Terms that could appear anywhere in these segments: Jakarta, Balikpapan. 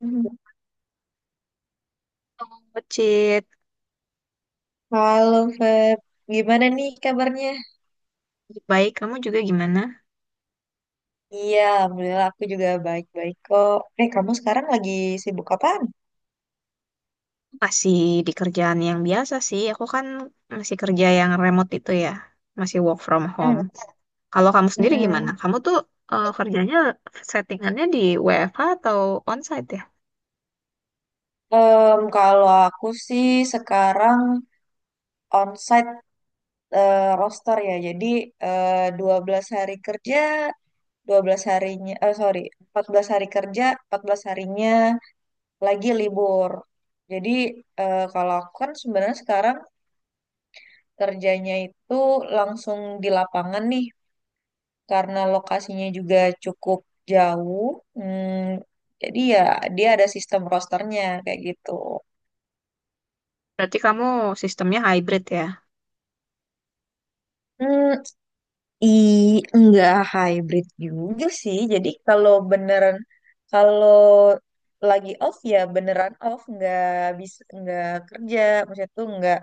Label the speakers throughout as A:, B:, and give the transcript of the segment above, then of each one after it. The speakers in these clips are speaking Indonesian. A: Mhm.
B: Oh, Cit.
A: Halo Feb, gimana nih kabarnya?
B: Baik, kamu juga gimana?
A: Iya, alhamdulillah aku juga baik-baik kok. Kamu sekarang lagi sibuk apaan?
B: Masih di kerjaan yang biasa sih. Aku kan masih kerja yang remote itu ya. Masih work from
A: Hmm,
B: home. Kalau kamu sendiri gimana?
A: mm-mm.
B: Kamu tuh kerjanya settingannya di WFH atau onsite ya?
A: Kalau aku sih sekarang onsite, roster ya. Jadi, 12 hari kerja, 12 harinya, eh sorry, 14 hari kerja, 14 harinya lagi libur. Jadi, kalau aku kan sebenarnya sekarang kerjanya itu langsung di lapangan nih, karena lokasinya juga cukup jauh. Hmm, jadi ya dia ada sistem rosternya kayak gitu.
B: Berarti kamu sistemnya hybrid ya.
A: Hmm, i enggak hybrid juga sih. Jadi kalau beneran, kalau lagi off ya beneran off, nggak bisa, nggak kerja, maksudnya tuh nggak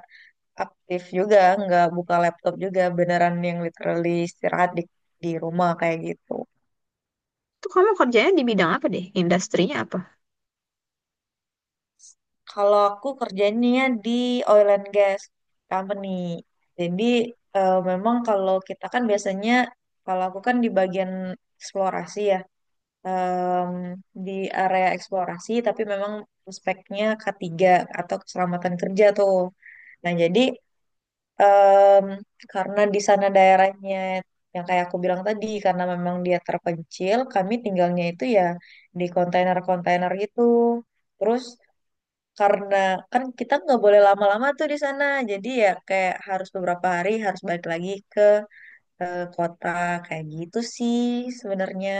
A: aktif, juga nggak buka laptop, juga beneran yang literally istirahat di rumah kayak gitu.
B: Itu kamu kerjanya di bidang apa deh? Industrinya apa?
A: Kalau aku kerjanya di oil and gas company. Jadi, memang kalau kita kan biasanya, kalau aku kan di bagian eksplorasi ya, em, di area eksplorasi, tapi memang speknya K3 atau keselamatan kerja tuh. Nah jadi, em, karena di sana daerahnya yang kayak aku bilang tadi, karena memang dia terpencil, kami tinggalnya itu ya di kontainer-kontainer gitu. Terus karena kan kita nggak boleh lama-lama tuh di sana, jadi ya kayak harus beberapa hari harus balik lagi ke kota kayak gitu sih sebenarnya.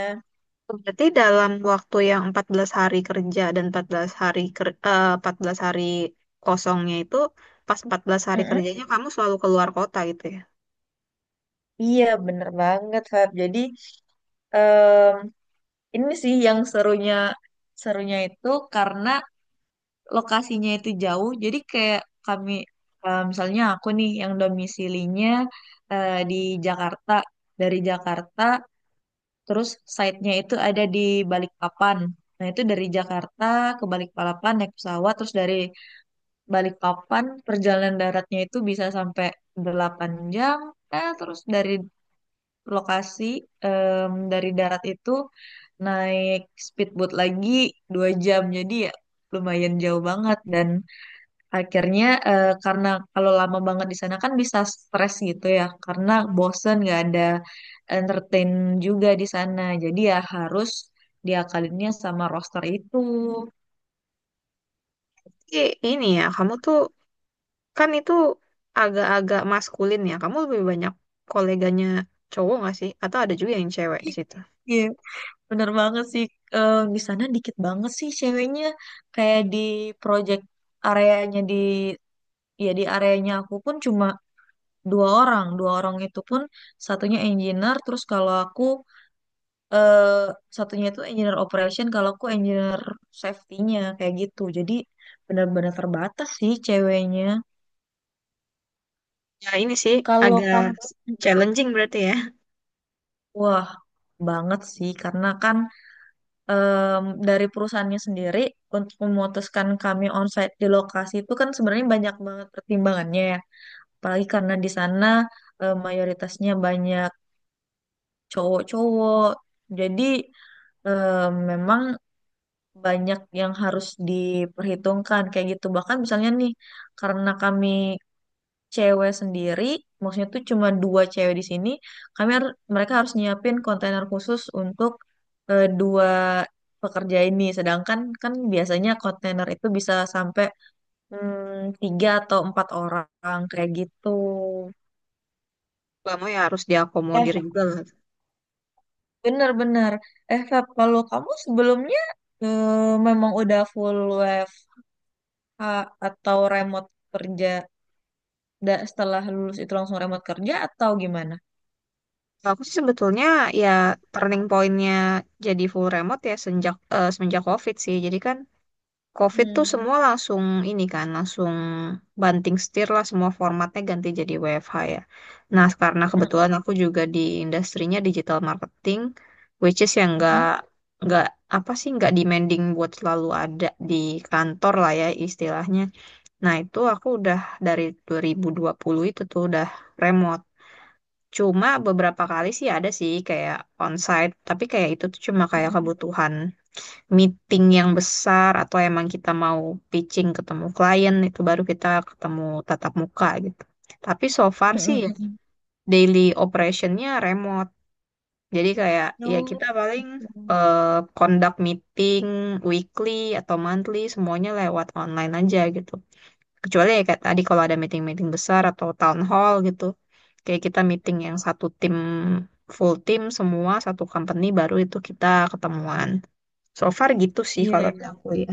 B: Berarti dalam waktu yang 14 hari kerja dan 14 hari 14 hari kosongnya itu, pas 14 hari
A: Mm-mm.
B: kerjanya kamu selalu keluar kota gitu ya?
A: Iya, bener banget Feb. Jadi, em, ini sih yang serunya, serunya itu karena lokasinya itu jauh, jadi kayak kami, misalnya aku nih yang domisilinya di Jakarta. Dari Jakarta, terus site-nya itu ada di Balikpapan. Nah, itu dari Jakarta ke Balikpapan naik pesawat, terus dari Balikpapan perjalanan daratnya itu bisa sampai 8 jam. Terus dari lokasi, dari darat itu naik speedboat lagi 2 jam. Jadi ya lumayan jauh banget. Dan akhirnya, karena kalau lama banget di sana kan bisa stres gitu ya, karena bosen, nggak ada entertain juga di sana. Jadi ya harus diakalinnya sama roster itu.
B: Tapi ini ya, kamu tuh kan itu agak-agak maskulin ya. Kamu lebih banyak koleganya cowok nggak sih? Atau ada juga yang cewek di situ?
A: Iya, bener banget sih. Di sana dikit banget sih ceweknya. Kayak di project areanya, di ya di areanya aku pun cuma dua orang. Dua orang itu pun satunya engineer, terus kalau aku, eh satunya itu engineer operation, kalau aku engineer safety-nya kayak gitu. Jadi benar-benar terbatas sih ceweknya.
B: Ya ini sih
A: Kalau
B: agak
A: kamu,
B: challenging berarti ya.
A: wah, banget sih, karena kan, dari perusahaannya sendiri untuk memutuskan kami onsite di lokasi itu kan sebenarnya banyak banget pertimbangannya ya. Apalagi karena di sana, mayoritasnya banyak cowok-cowok. Jadi, memang banyak yang harus diperhitungkan kayak gitu. Bahkan misalnya nih, karena kami cewek sendiri, maksudnya tuh cuma dua cewek di sini, mereka harus nyiapin kontainer khusus untuk, dua pekerja ini. Sedangkan kan biasanya kontainer itu bisa sampai, hmm, tiga atau empat orang kayak gitu.
B: Kamu ya harus
A: Eh,
B: diakomodir juga lah.
A: Bener-bener. Feb, kalau kamu sebelumnya, eh, memang udah full WFH atau remote kerja, setelah lulus itu langsung remote kerja atau gimana?
B: Kalau aku sih sebetulnya ya turning pointnya jadi full remote, ya semenjak COVID sih. Jadi kan COVID tuh
A: Hmm.
B: semua langsung ini kan, langsung banting setir lah, semua formatnya ganti jadi WFH ya. Nah, karena
A: Mm-mm.
B: kebetulan aku juga di industrinya digital marketing, which is yang nggak
A: Mm-mm.
B: nggak apa sih, nggak demanding buat selalu ada di kantor lah ya istilahnya. Nah, itu aku udah dari 2020 itu tuh udah remote. Cuma beberapa kali sih ada sih kayak onsite, tapi kayak itu tuh cuma kayak
A: Mm-mm.
B: kebutuhan meeting yang besar atau emang kita mau pitching ketemu klien, itu baru kita ketemu tatap muka gitu. Tapi so far sih ya
A: Mm-mm.
B: daily operationnya remote. Jadi kayak ya
A: Oh,
B: kita paling eh, conduct meeting weekly atau monthly, semuanya lewat online aja gitu. Kecuali ya kayak tadi kalau ada meeting-meeting besar atau town hall gitu. Kayak kita meeting yang satu tim, full tim semua satu company, baru itu kita ketemuan. So far gitu sih kalau
A: iya,
B: dari
A: iya.
B: aku ya.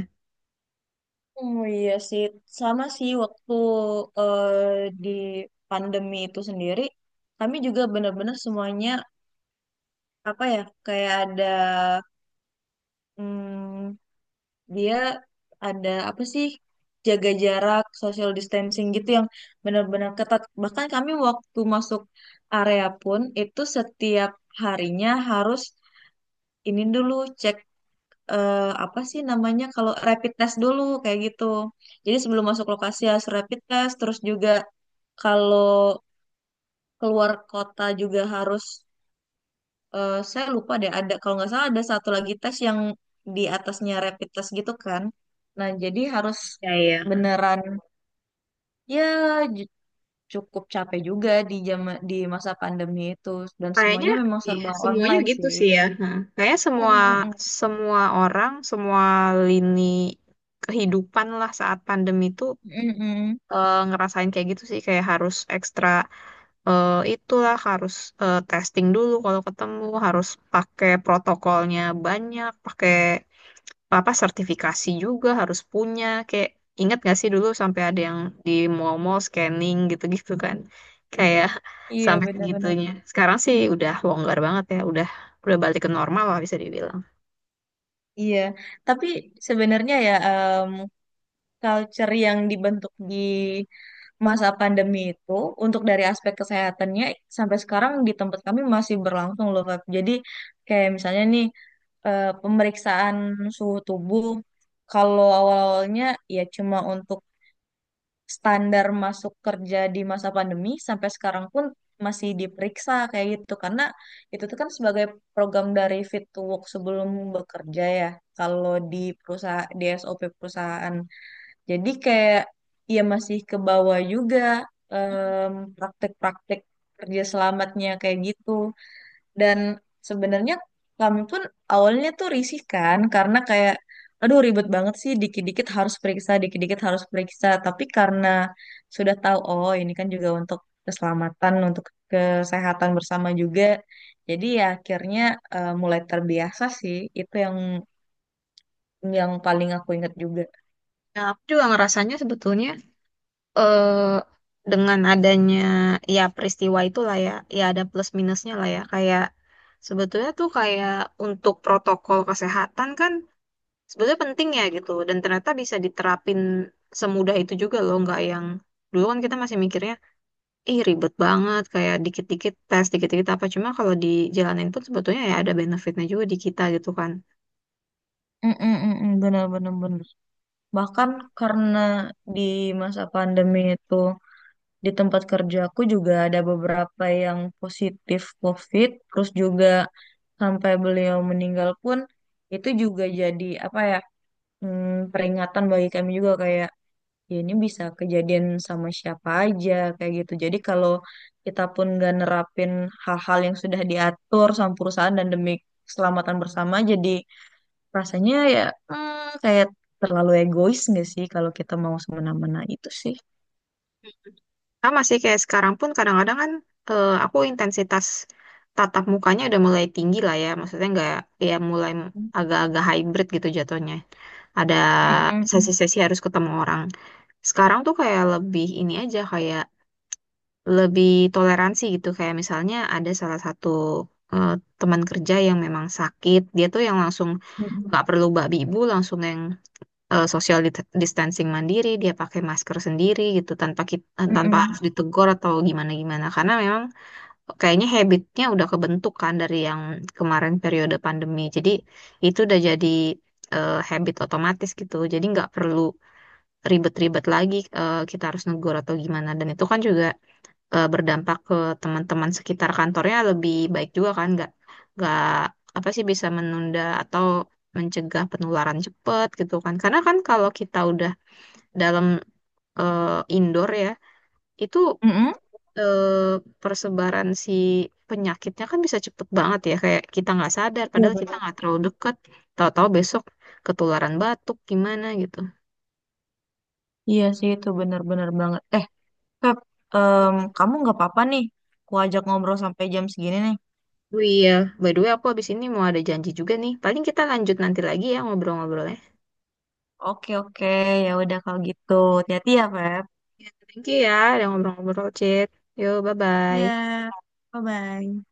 A: Oh iya sih, sama sih waktu, eh, di pandemi itu sendiri, kami juga benar-benar semuanya, apa ya, kayak ada, hmm, dia ada apa sih, jaga jarak, social distancing gitu yang benar-benar ketat. Bahkan kami waktu masuk area pun itu setiap harinya harus ini dulu, cek, apa sih namanya, kalau rapid test dulu kayak gitu. Jadi sebelum masuk lokasi harus rapid test, terus juga kalau keluar kota juga harus, saya lupa deh, ada kalau nggak salah ada satu lagi tes yang di atasnya rapid test gitu kan. Nah, jadi harus
B: Ya, ya.
A: beneran ya, ju- cukup capek juga di, di masa pandemi itu, dan
B: Kayaknya
A: semuanya memang serba
B: semuanya
A: online
B: gitu
A: sih.
B: sih ya. Nah, kayaknya semua,
A: Mm-mm-mm.
B: orang, semua lini kehidupan lah, saat pandemi itu
A: Mm-mm.
B: ngerasain kayak gitu sih. Kayak harus ekstra, itulah, harus testing dulu kalau ketemu, harus pakai protokolnya banyak, pakai apa sertifikasi juga harus punya, kayak ingat gak sih dulu sampai ada yang di mall-mall scanning gitu-gitu kan, kayak
A: Iya,
B: sampai
A: benar-benar.
B: segitunya. Sekarang sih udah longgar banget ya, udah balik ke normal lah bisa dibilang.
A: Iya, tapi sebenarnya ya, culture yang dibentuk di masa pandemi itu untuk dari aspek kesehatannya sampai sekarang di tempat kami masih berlangsung loh Feb. Jadi kayak misalnya nih, pemeriksaan suhu tubuh, kalau awal-awalnya ya cuma untuk standar masuk kerja di masa pandemi, sampai sekarang pun masih diperiksa kayak gitu, karena itu tuh kan sebagai program dari Fit to Work sebelum bekerja ya, kalau di perusahaan, di SOP perusahaan. Jadi kayak ya masih ke bawah juga, praktek-praktek kerja selamatnya kayak gitu. Dan sebenarnya kami pun awalnya tuh risih kan, karena kayak, aduh ribet banget sih, dikit-dikit harus periksa, dikit-dikit harus periksa. Tapi karena sudah tahu, oh ini kan juga untuk keselamatan, untuk kesehatan bersama juga. Jadi ya akhirnya, mulai terbiasa sih. Itu yang paling aku ingat juga.
B: Nah, aku juga ngerasanya sebetulnya eh dengan adanya ya peristiwa itulah ya, ya ada plus minusnya lah ya, kayak sebetulnya tuh kayak untuk protokol kesehatan kan sebetulnya penting ya gitu. Dan ternyata bisa diterapin semudah itu juga loh. Nggak yang dulu kan kita masih mikirnya, ih ribet banget. Kayak dikit-dikit tes, dikit-dikit apa. Cuma kalau dijalanin pun sebetulnya ya ada benefitnya juga di kita gitu kan.
A: Mm-mm, mm-mm, bener bener bener. Bahkan karena di masa pandemi itu di tempat kerjaku juga ada beberapa yang positif COVID, terus juga sampai beliau meninggal pun, itu juga jadi apa ya, peringatan bagi kami juga, kayak ya ini bisa kejadian sama siapa aja kayak gitu. Jadi kalau kita pun nggak nerapin hal-hal yang sudah diatur sama perusahaan dan demi keselamatan bersama, jadi rasanya ya, kayak terlalu egois nggak sih kalau kita mau semena-mena, itu sih.
B: Sama sih kayak sekarang pun, kadang-kadang kan aku intensitas tatap mukanya udah mulai tinggi lah ya. Maksudnya nggak, ya mulai agak-agak hybrid gitu jatuhnya. Ada
A: Mm-mm.
B: sesi-sesi harus ketemu orang. Sekarang tuh kayak lebih ini aja, kayak lebih toleransi gitu, kayak misalnya ada salah satu eh, teman kerja yang memang sakit, dia tuh yang langsung nggak
A: Mm-mm.
B: perlu babi ibu, langsung yang social distancing mandiri, dia pakai masker sendiri gitu tanpa kita, tanpa
A: Mm-mm.
B: harus ditegur atau gimana gimana, karena memang kayaknya habitnya udah kebentuk kan dari yang kemarin periode pandemi, jadi itu udah jadi habit otomatis gitu, jadi nggak perlu ribet-ribet lagi, kita harus negur atau gimana, dan itu kan juga berdampak ke teman-teman sekitar kantornya lebih baik juga kan. Nggak, nggak apa sih, bisa menunda atau mencegah penularan cepat gitu kan, karena kan kalau kita udah dalam eh, indoor ya, itu
A: Mm-mm.
B: eh, persebaran si penyakitnya kan bisa cepet banget ya, kayak kita nggak sadar
A: Iya
B: padahal kita
A: benar.
B: nggak terlalu deket, tahu-tahu besok ketularan batuk gimana gitu.
A: Iya sih, itu benar-benar banget. Pep, kamu nggak apa-apa nih? Aku ajak ngobrol sampai jam segini nih.
B: Oh iya, by the way, aku habis ini mau ada janji juga nih. Paling kita lanjut nanti lagi ya ngobrol-ngobrol.
A: Oke, oke, ya udah kalau gitu. Hati-hati ya, Pep.
B: Thank you ya udah ngobrol-ngobrol, Cit. Yuk, bye-bye.
A: Ya, bye-bye.